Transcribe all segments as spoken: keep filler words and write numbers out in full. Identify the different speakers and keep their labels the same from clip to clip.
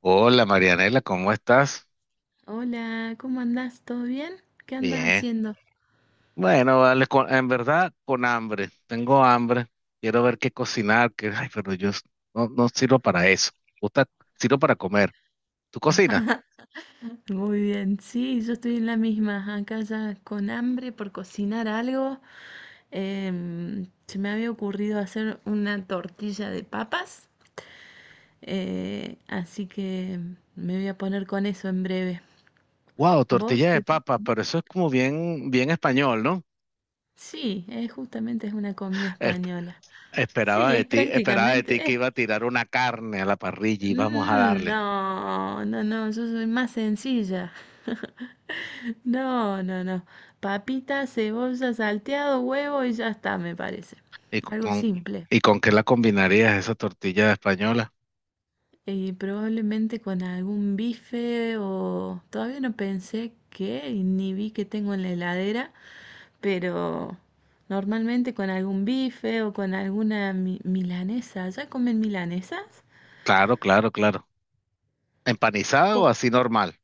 Speaker 1: Hola Marianela, ¿cómo estás?
Speaker 2: Hola, ¿cómo andás? ¿Todo bien? ¿Qué andas
Speaker 1: Bien.
Speaker 2: haciendo?
Speaker 1: Bueno, vale, con- en verdad con hambre. Tengo hambre. Quiero ver qué cocinar, que, ay, pero yo s- no, no sirvo para eso. Gusta, sirvo para comer. ¿Tú cocinas?
Speaker 2: Muy bien, sí, yo estoy en la misma, acá ya con hambre por cocinar algo. Em, se me había ocurrido hacer una tortilla de papas, eh, así que me voy a poner con eso en breve.
Speaker 1: Wow,
Speaker 2: ¿Vos
Speaker 1: tortilla de
Speaker 2: qué?
Speaker 1: papa, pero eso es como bien, bien español, ¿no?
Speaker 2: Sí, es justamente es una comida
Speaker 1: Es-
Speaker 2: española.
Speaker 1: esperaba
Speaker 2: Sí,
Speaker 1: de
Speaker 2: es
Speaker 1: ti, esperaba de ti
Speaker 2: prácticamente...
Speaker 1: que
Speaker 2: es-
Speaker 1: iba a tirar una carne a la parrilla y vamos a
Speaker 2: Mm,
Speaker 1: darle.
Speaker 2: no, no, no, yo soy más sencilla. No, no, no. Papita, cebolla, salteado, huevo y ya está, me parece.
Speaker 1: ¿Y
Speaker 2: Algo
Speaker 1: con,
Speaker 2: simple.
Speaker 1: ¿Y con qué la combinarías esa tortilla española?
Speaker 2: Y probablemente con algún bife o... Todavía no pensé qué y ni vi que tengo en la heladera, pero normalmente con algún bife o con alguna mi- milanesa. ¿Ya comen milanesas?
Speaker 1: Claro, claro, claro. ¿Empanizada o
Speaker 2: Con-
Speaker 1: así normal?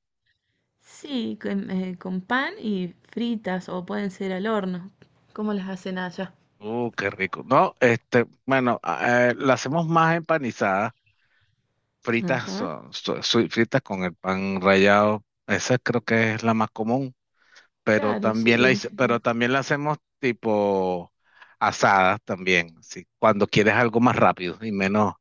Speaker 2: Sí, con, eh, con pan y fritas o pueden ser al horno. ¿Cómo las hacen allá?
Speaker 1: Uh, qué rico. No, este, bueno, a- eh, la hacemos más empanizada, fritas,
Speaker 2: Ajá.
Speaker 1: son- so- so- fritas con el pan rallado. Esa creo que es la más común, pero
Speaker 2: Claro,
Speaker 1: también la,
Speaker 2: sí.
Speaker 1: hice- pero también la hacemos tipo asada también, ¿sí? Cuando quieres algo más rápido y menos,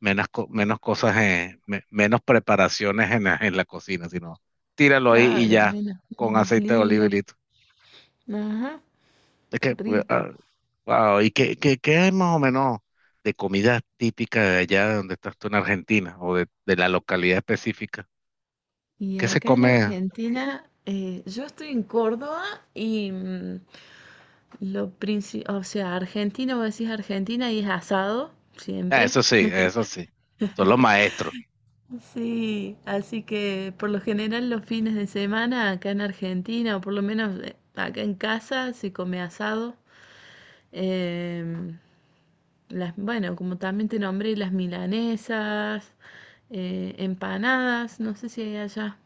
Speaker 1: menos, co- menos cosas, eh, me- menos preparaciones en la, en la cocina, sino tíralo ahí y
Speaker 2: Claro,
Speaker 1: ya,
Speaker 2: menos,
Speaker 1: con
Speaker 2: menos
Speaker 1: aceite de oliva y
Speaker 2: lío.
Speaker 1: listo.
Speaker 2: Ajá,
Speaker 1: Es que, eh,
Speaker 2: rico.
Speaker 1: ah, wow, ¿y qué, qué, qué hay más o menos de comida típica de allá de donde estás tú en Argentina o de, de la localidad específica?
Speaker 2: Y
Speaker 1: ¿Qué se
Speaker 2: acá en
Speaker 1: come?
Speaker 2: Argentina, eh, yo estoy en Córdoba y mm, lo principal, o sea, Argentina, vos decís Argentina y es asado,
Speaker 1: Ah,
Speaker 2: siempre.
Speaker 1: eso sí, eso sí, son los maestros.
Speaker 2: Sí, así que por lo general los fines de semana acá en Argentina, o por lo menos eh, acá en casa, se come asado. Em, Las, bueno, como también te nombré, las milanesas, eh, empanadas, no sé si hay allá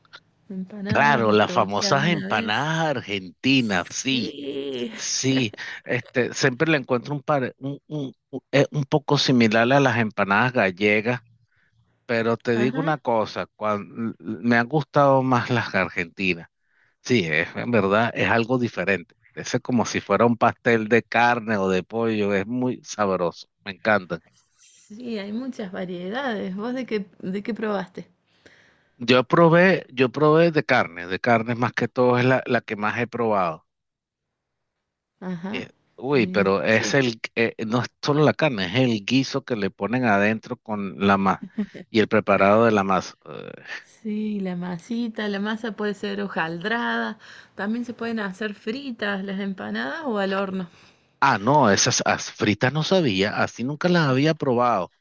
Speaker 2: empanadas
Speaker 1: Claro,
Speaker 2: o
Speaker 1: las
Speaker 2: probaste
Speaker 1: famosas
Speaker 2: alguna vez.
Speaker 1: empanadas argentinas, sí,
Speaker 2: Sí,
Speaker 1: sí. Este, siempre le encuentro un, par, un, un, un eh, un poco similar a las empanadas gallegas, pero te digo
Speaker 2: ajá,
Speaker 1: una cosa, cuan- l- me han gustado más las argentinas. Sí, es, en verdad es algo diferente. Ese es como si fuera un pastel de carne o de pollo, es muy sabroso, me encanta.
Speaker 2: sí, hay muchas variedades. ¿Vos de qué, de qué probaste?
Speaker 1: Yo probé, yo probé de carne, de carne más que todo es la, la que más he probado. Eh,
Speaker 2: Ajá, está
Speaker 1: uy,
Speaker 2: bien,
Speaker 1: pero es
Speaker 2: sí.
Speaker 1: el, eh, no es solo la carne, es el guiso que le ponen adentro con la masa y el preparado de la masa. Eh,
Speaker 2: Sí, la masita, la masa puede ser hojaldrada, también se pueden hacer fritas las empanadas o al horno.
Speaker 1: ah, no, esas as- fritas no sabía, así nunca las había probado.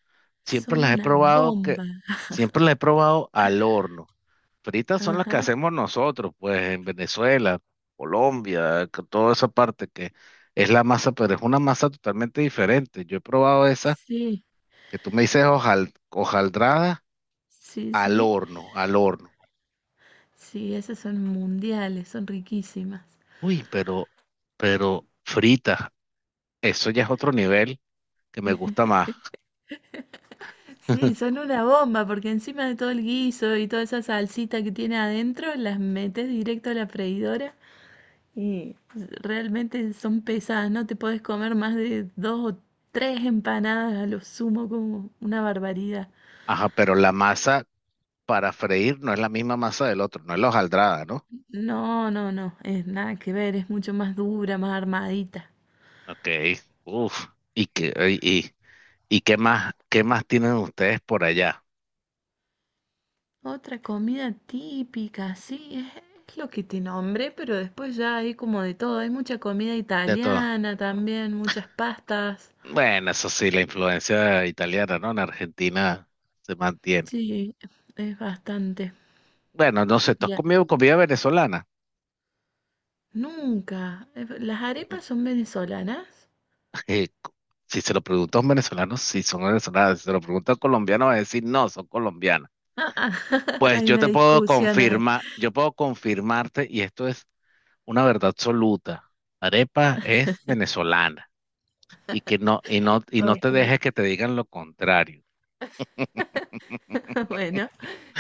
Speaker 1: Siempre
Speaker 2: Son
Speaker 1: las he
Speaker 2: una
Speaker 1: probado que,
Speaker 2: bomba.
Speaker 1: siempre las he probado al horno fritas son las que
Speaker 2: Ajá,
Speaker 1: hacemos nosotros, pues en Venezuela, Colombia, con toda esa parte que es la masa, pero es una masa totalmente diferente. Yo he probado esa
Speaker 2: sí,
Speaker 1: que tú me dices hojal, hojaldrada
Speaker 2: sí,
Speaker 1: al
Speaker 2: sí.
Speaker 1: horno, al horno.
Speaker 2: Sí, esas son mundiales, son riquísimas.
Speaker 1: Uy, pero, pero frita, eso ya es otro nivel que me gusta más.
Speaker 2: Sí, son una bomba porque encima de todo el guiso y toda esa salsita que tiene adentro, las metes directo a la freidora y realmente son pesadas, no te podés comer más de dos o tres empanadas a lo sumo como una barbaridad.
Speaker 1: Ajá, pero la masa para freír no es la misma masa del otro, no es la hojaldrada, ¿no?
Speaker 2: No, no, no, es nada que ver, es mucho más dura, más armadita.
Speaker 1: Ok, uf. ¿Y qué, y, y y qué más, qué más tienen ustedes por allá?
Speaker 2: Otra comida típica, sí, es, es lo que te nombré, pero después ya hay como de todo. Hay mucha comida
Speaker 1: De todo.
Speaker 2: italiana también, muchas pastas.
Speaker 1: Bueno, eso sí, la influencia italiana, ¿no? En Argentina se mantiene.
Speaker 2: Sí, es bastante.
Speaker 1: Bueno, no sé, ¿tú has
Speaker 2: Ya,
Speaker 1: comido comida venezolana?
Speaker 2: nunca. Eh, ¿Las
Speaker 1: Mm,
Speaker 2: arepas son venezolanas?
Speaker 1: eh, co- si se lo pregunto a un venezolano, sí son venezolanas. Si se lo pregunto a un colombiano, va a decir, no, son colombianas.
Speaker 2: Ah, ah,
Speaker 1: Pues
Speaker 2: hay
Speaker 1: yo
Speaker 2: una
Speaker 1: te puedo
Speaker 2: discusión ahí.
Speaker 1: confirmar, yo puedo confirmarte, y esto es una verdad absoluta. Arepa es venezolana y que no, y no, y no
Speaker 2: Ok.
Speaker 1: te dejes que te digan lo contrario.
Speaker 2: Bueno.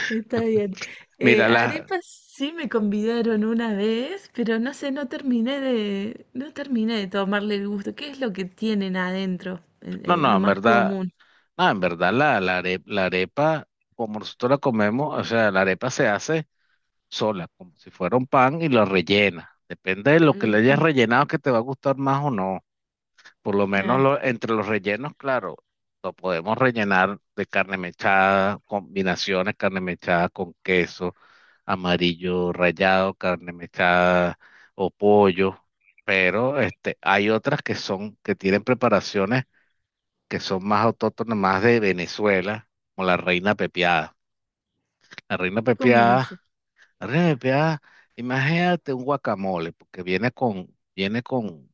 Speaker 2: Está bien. Eh,
Speaker 1: Mira, la,
Speaker 2: arepas sí me convidaron una vez, pero no sé, no terminé de, no terminé de tomarle el gusto. ¿Qué es lo que tienen adentro? Eh,
Speaker 1: no,
Speaker 2: eh,
Speaker 1: no,
Speaker 2: lo
Speaker 1: en
Speaker 2: más
Speaker 1: verdad.
Speaker 2: común.
Speaker 1: Ah, en verdad, la, la arepa, la arepa, como nosotros la comemos, o sea, la arepa se hace sola, como si fuera un pan y la rellena. Depende de lo que le hayas
Speaker 2: Ujú,
Speaker 1: rellenado que te va a gustar más o no. Por lo menos
Speaker 2: claro.
Speaker 1: lo- entre los rellenos, claro, lo podemos rellenar de carne mechada, combinaciones, carne mechada con queso, amarillo rallado, carne mechada o pollo. Pero este, hay otras que son, que tienen preparaciones que son más autóctonas, más de Venezuela, como la reina pepiada. La reina
Speaker 2: ¿Cómo es
Speaker 1: pepiada,
Speaker 2: eso?
Speaker 1: la reina pepiada, imagínate un guacamole, porque viene con, viene con,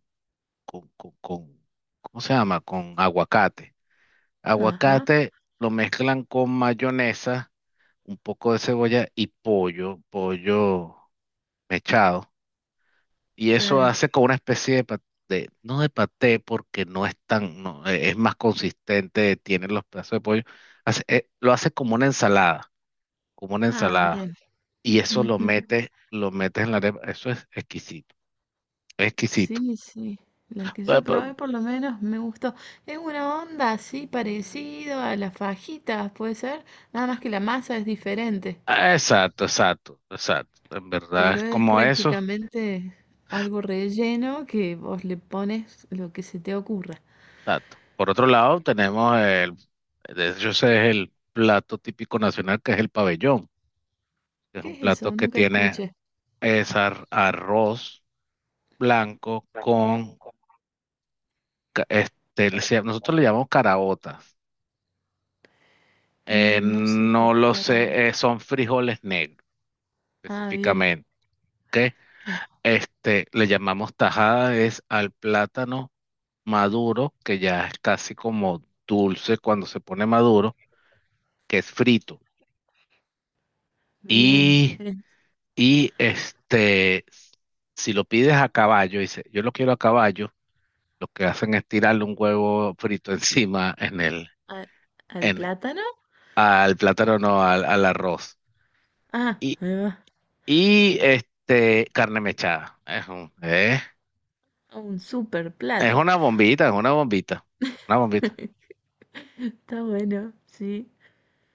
Speaker 1: con, con, con- ¿cómo se llama? Con aguacate.
Speaker 2: Ajá,
Speaker 1: Aguacate lo mezclan con mayonesa, un poco de cebolla y pollo, pollo mechado. Y eso
Speaker 2: claro.
Speaker 1: hace como una especie de paté, no de paté porque no es tan, no, eh, es más consistente, tiene los pedazos de pollo, hace- eh, lo hace como una ensalada, como una
Speaker 2: Ah,
Speaker 1: ensalada.
Speaker 2: bien.
Speaker 1: Y eso lo
Speaker 2: Ujú.
Speaker 1: metes, lo metes en la arepa, eso es exquisito, es exquisito.
Speaker 2: Sí, sí. La que
Speaker 1: Eh,
Speaker 2: yo
Speaker 1: pero...
Speaker 2: probé por lo menos me gustó. Es una onda así parecido a las fajitas, puede ser. Nada más que la masa es diferente.
Speaker 1: ah, exacto, exacto, exacto. En verdad
Speaker 2: Pero
Speaker 1: es
Speaker 2: es
Speaker 1: como eso,
Speaker 2: prácticamente algo relleno que vos le pones lo que se te ocurra.
Speaker 1: exacto. Por otro lado, tenemos el, de hecho ese es el plato típico nacional que es el pabellón, que es
Speaker 2: ¿Qué
Speaker 1: un
Speaker 2: es
Speaker 1: plato
Speaker 2: eso?
Speaker 1: que
Speaker 2: Nunca
Speaker 1: tiene
Speaker 2: escuché.
Speaker 1: es ar- arroz blanco con, ca- este, le se- nosotros le llamamos caraotas. Eh,
Speaker 2: Mm, no sé qué
Speaker 1: no
Speaker 2: es
Speaker 1: lo sé,
Speaker 2: caraota.
Speaker 1: eh, son frijoles negros
Speaker 2: Ah, bien.
Speaker 1: específicamente. ¿Ok?
Speaker 2: Ah,
Speaker 1: Este, le llamamos tajada es al plátano maduro, que ya es casi como dulce cuando se pone maduro, que es frito.
Speaker 2: bien.
Speaker 1: Y,
Speaker 2: Es
Speaker 1: y este, si lo pides a caballo, dice, yo lo quiero a caballo, lo que hacen es tirarle un huevo frito encima en el,
Speaker 2: a- ¿Al plátano?
Speaker 1: al plátano, no, al, al arroz.
Speaker 2: Ah,
Speaker 1: Y,
Speaker 2: ahí va.
Speaker 1: y este, carne mechada. Es un- eh,
Speaker 2: A Un super
Speaker 1: es
Speaker 2: plato.
Speaker 1: una bombita, es una bombita, una bombita.
Speaker 2: Está bueno, sí.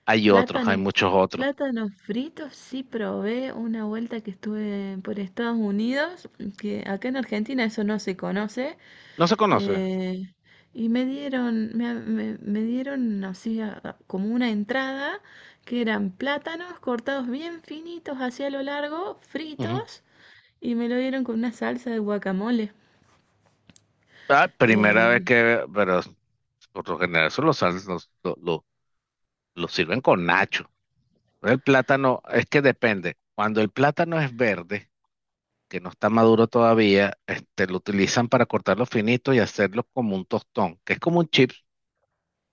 Speaker 1: Hay otros, hay
Speaker 2: Plátanos,
Speaker 1: muchos otros.
Speaker 2: plátanos fritos, sí probé una vuelta que estuve por Estados Unidos, que acá en Argentina eso no se conoce.
Speaker 1: No se conoce.
Speaker 2: Eh, y me dieron, me, me- me dieron así a- a- como una entrada que eran plátanos cortados bien finitos hacia lo largo,
Speaker 1: Ujú.
Speaker 2: fritos, y me lo dieron con una salsa de guacamole.
Speaker 1: Ah, primera vez
Speaker 2: Eh,
Speaker 1: que, pero por lo general eso lo, sal- lo, lo- lo- lo sirven con nacho. El plátano, es que depende. Cuando el plátano es verde, que no está maduro todavía, este, lo utilizan para cortarlo finito y hacerlo como un tostón, que es como un chip,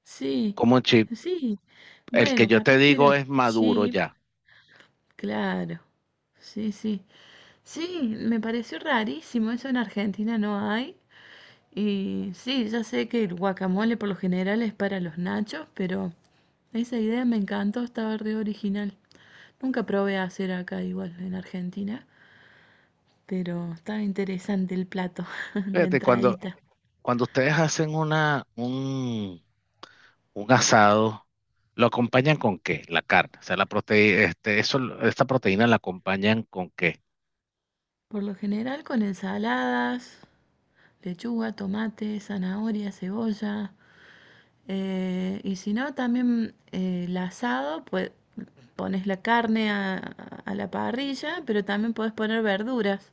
Speaker 2: sí,
Speaker 1: como un chip.
Speaker 2: sí.
Speaker 1: El que
Speaker 2: Bueno,
Speaker 1: yo te
Speaker 2: capaz que era
Speaker 1: digo es maduro
Speaker 2: chip,
Speaker 1: ya.
Speaker 2: claro. Sí, sí. Sí, me pareció rarísimo, eso en Argentina no hay. Y sí, ya sé que el guacamole por lo general es para los nachos, pero esa idea me encantó, estaba re original. Nunca probé a hacer acá igual en Argentina, pero estaba interesante el plato, la
Speaker 1: Fíjate, cuando,
Speaker 2: entradita.
Speaker 1: cuando ustedes hacen una, un, un asado, ¿lo acompañan con qué? La carne. O sea, la proteína, este, eso, esta proteína la acompañan con qué.
Speaker 2: Por lo general con ensaladas, lechuga, tomate, zanahoria, cebolla. Eh, y si no, también eh, el asado, pues pones la carne a, a la parrilla, pero también puedes poner verduras.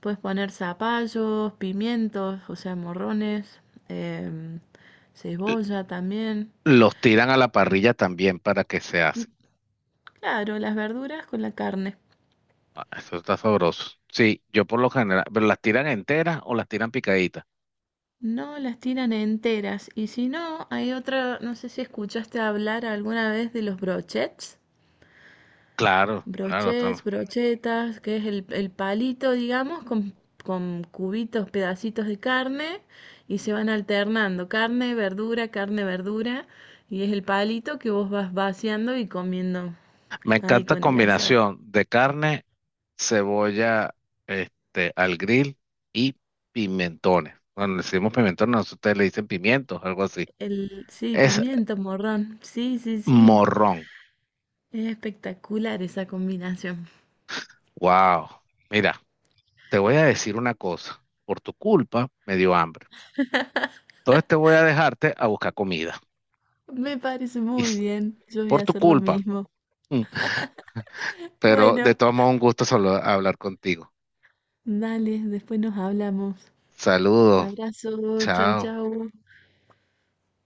Speaker 2: Puedes poner zapallos, pimientos, o sea, morrones, em,
Speaker 1: L-
Speaker 2: cebolla también.
Speaker 1: Los tiran a la parrilla también para que se hace.
Speaker 2: Claro, las verduras con la carne.
Speaker 1: Ah, eso está sabroso. Sí, yo por lo general, pero las tiran enteras o las tiran picaditas.
Speaker 2: No, las tiran enteras. Y si no, hay otra, no sé si escuchaste hablar alguna vez de los brochets.
Speaker 1: Claro, claro. tam-
Speaker 2: Brochets, brochetas, que es el, el palito, digamos, con, con cubitos, pedacitos de carne y se van alternando. Carne, verdura, carne, verdura. Y es el palito que vos vas vaciando y comiendo
Speaker 1: Me
Speaker 2: ahí
Speaker 1: encanta
Speaker 2: con el asado.
Speaker 1: combinación de carne cebolla este, al grill y pimentones. Bueno, le decimos pimentones, nosotros ustedes le dicen pimientos, algo así.
Speaker 2: El, sí,
Speaker 1: Es
Speaker 2: pimiento, morrón. Sí, sí, sí.
Speaker 1: morrón.
Speaker 2: Es espectacular esa combinación.
Speaker 1: Wow. Mira, te voy a decir una cosa. Por tu culpa me dio hambre. Entonces te voy a dejarte a buscar comida.
Speaker 2: Me parece
Speaker 1: Y
Speaker 2: muy
Speaker 1: s-
Speaker 2: bien. Yo voy
Speaker 1: por
Speaker 2: a
Speaker 1: tu
Speaker 2: hacer lo
Speaker 1: culpa.
Speaker 2: mismo.
Speaker 1: Mm. Pero de
Speaker 2: Bueno,
Speaker 1: todos modos, un gusto solo hablar contigo.
Speaker 2: dale, después nos hablamos.
Speaker 1: Saludos.
Speaker 2: Abrazo, chau,
Speaker 1: Chao.
Speaker 2: chau.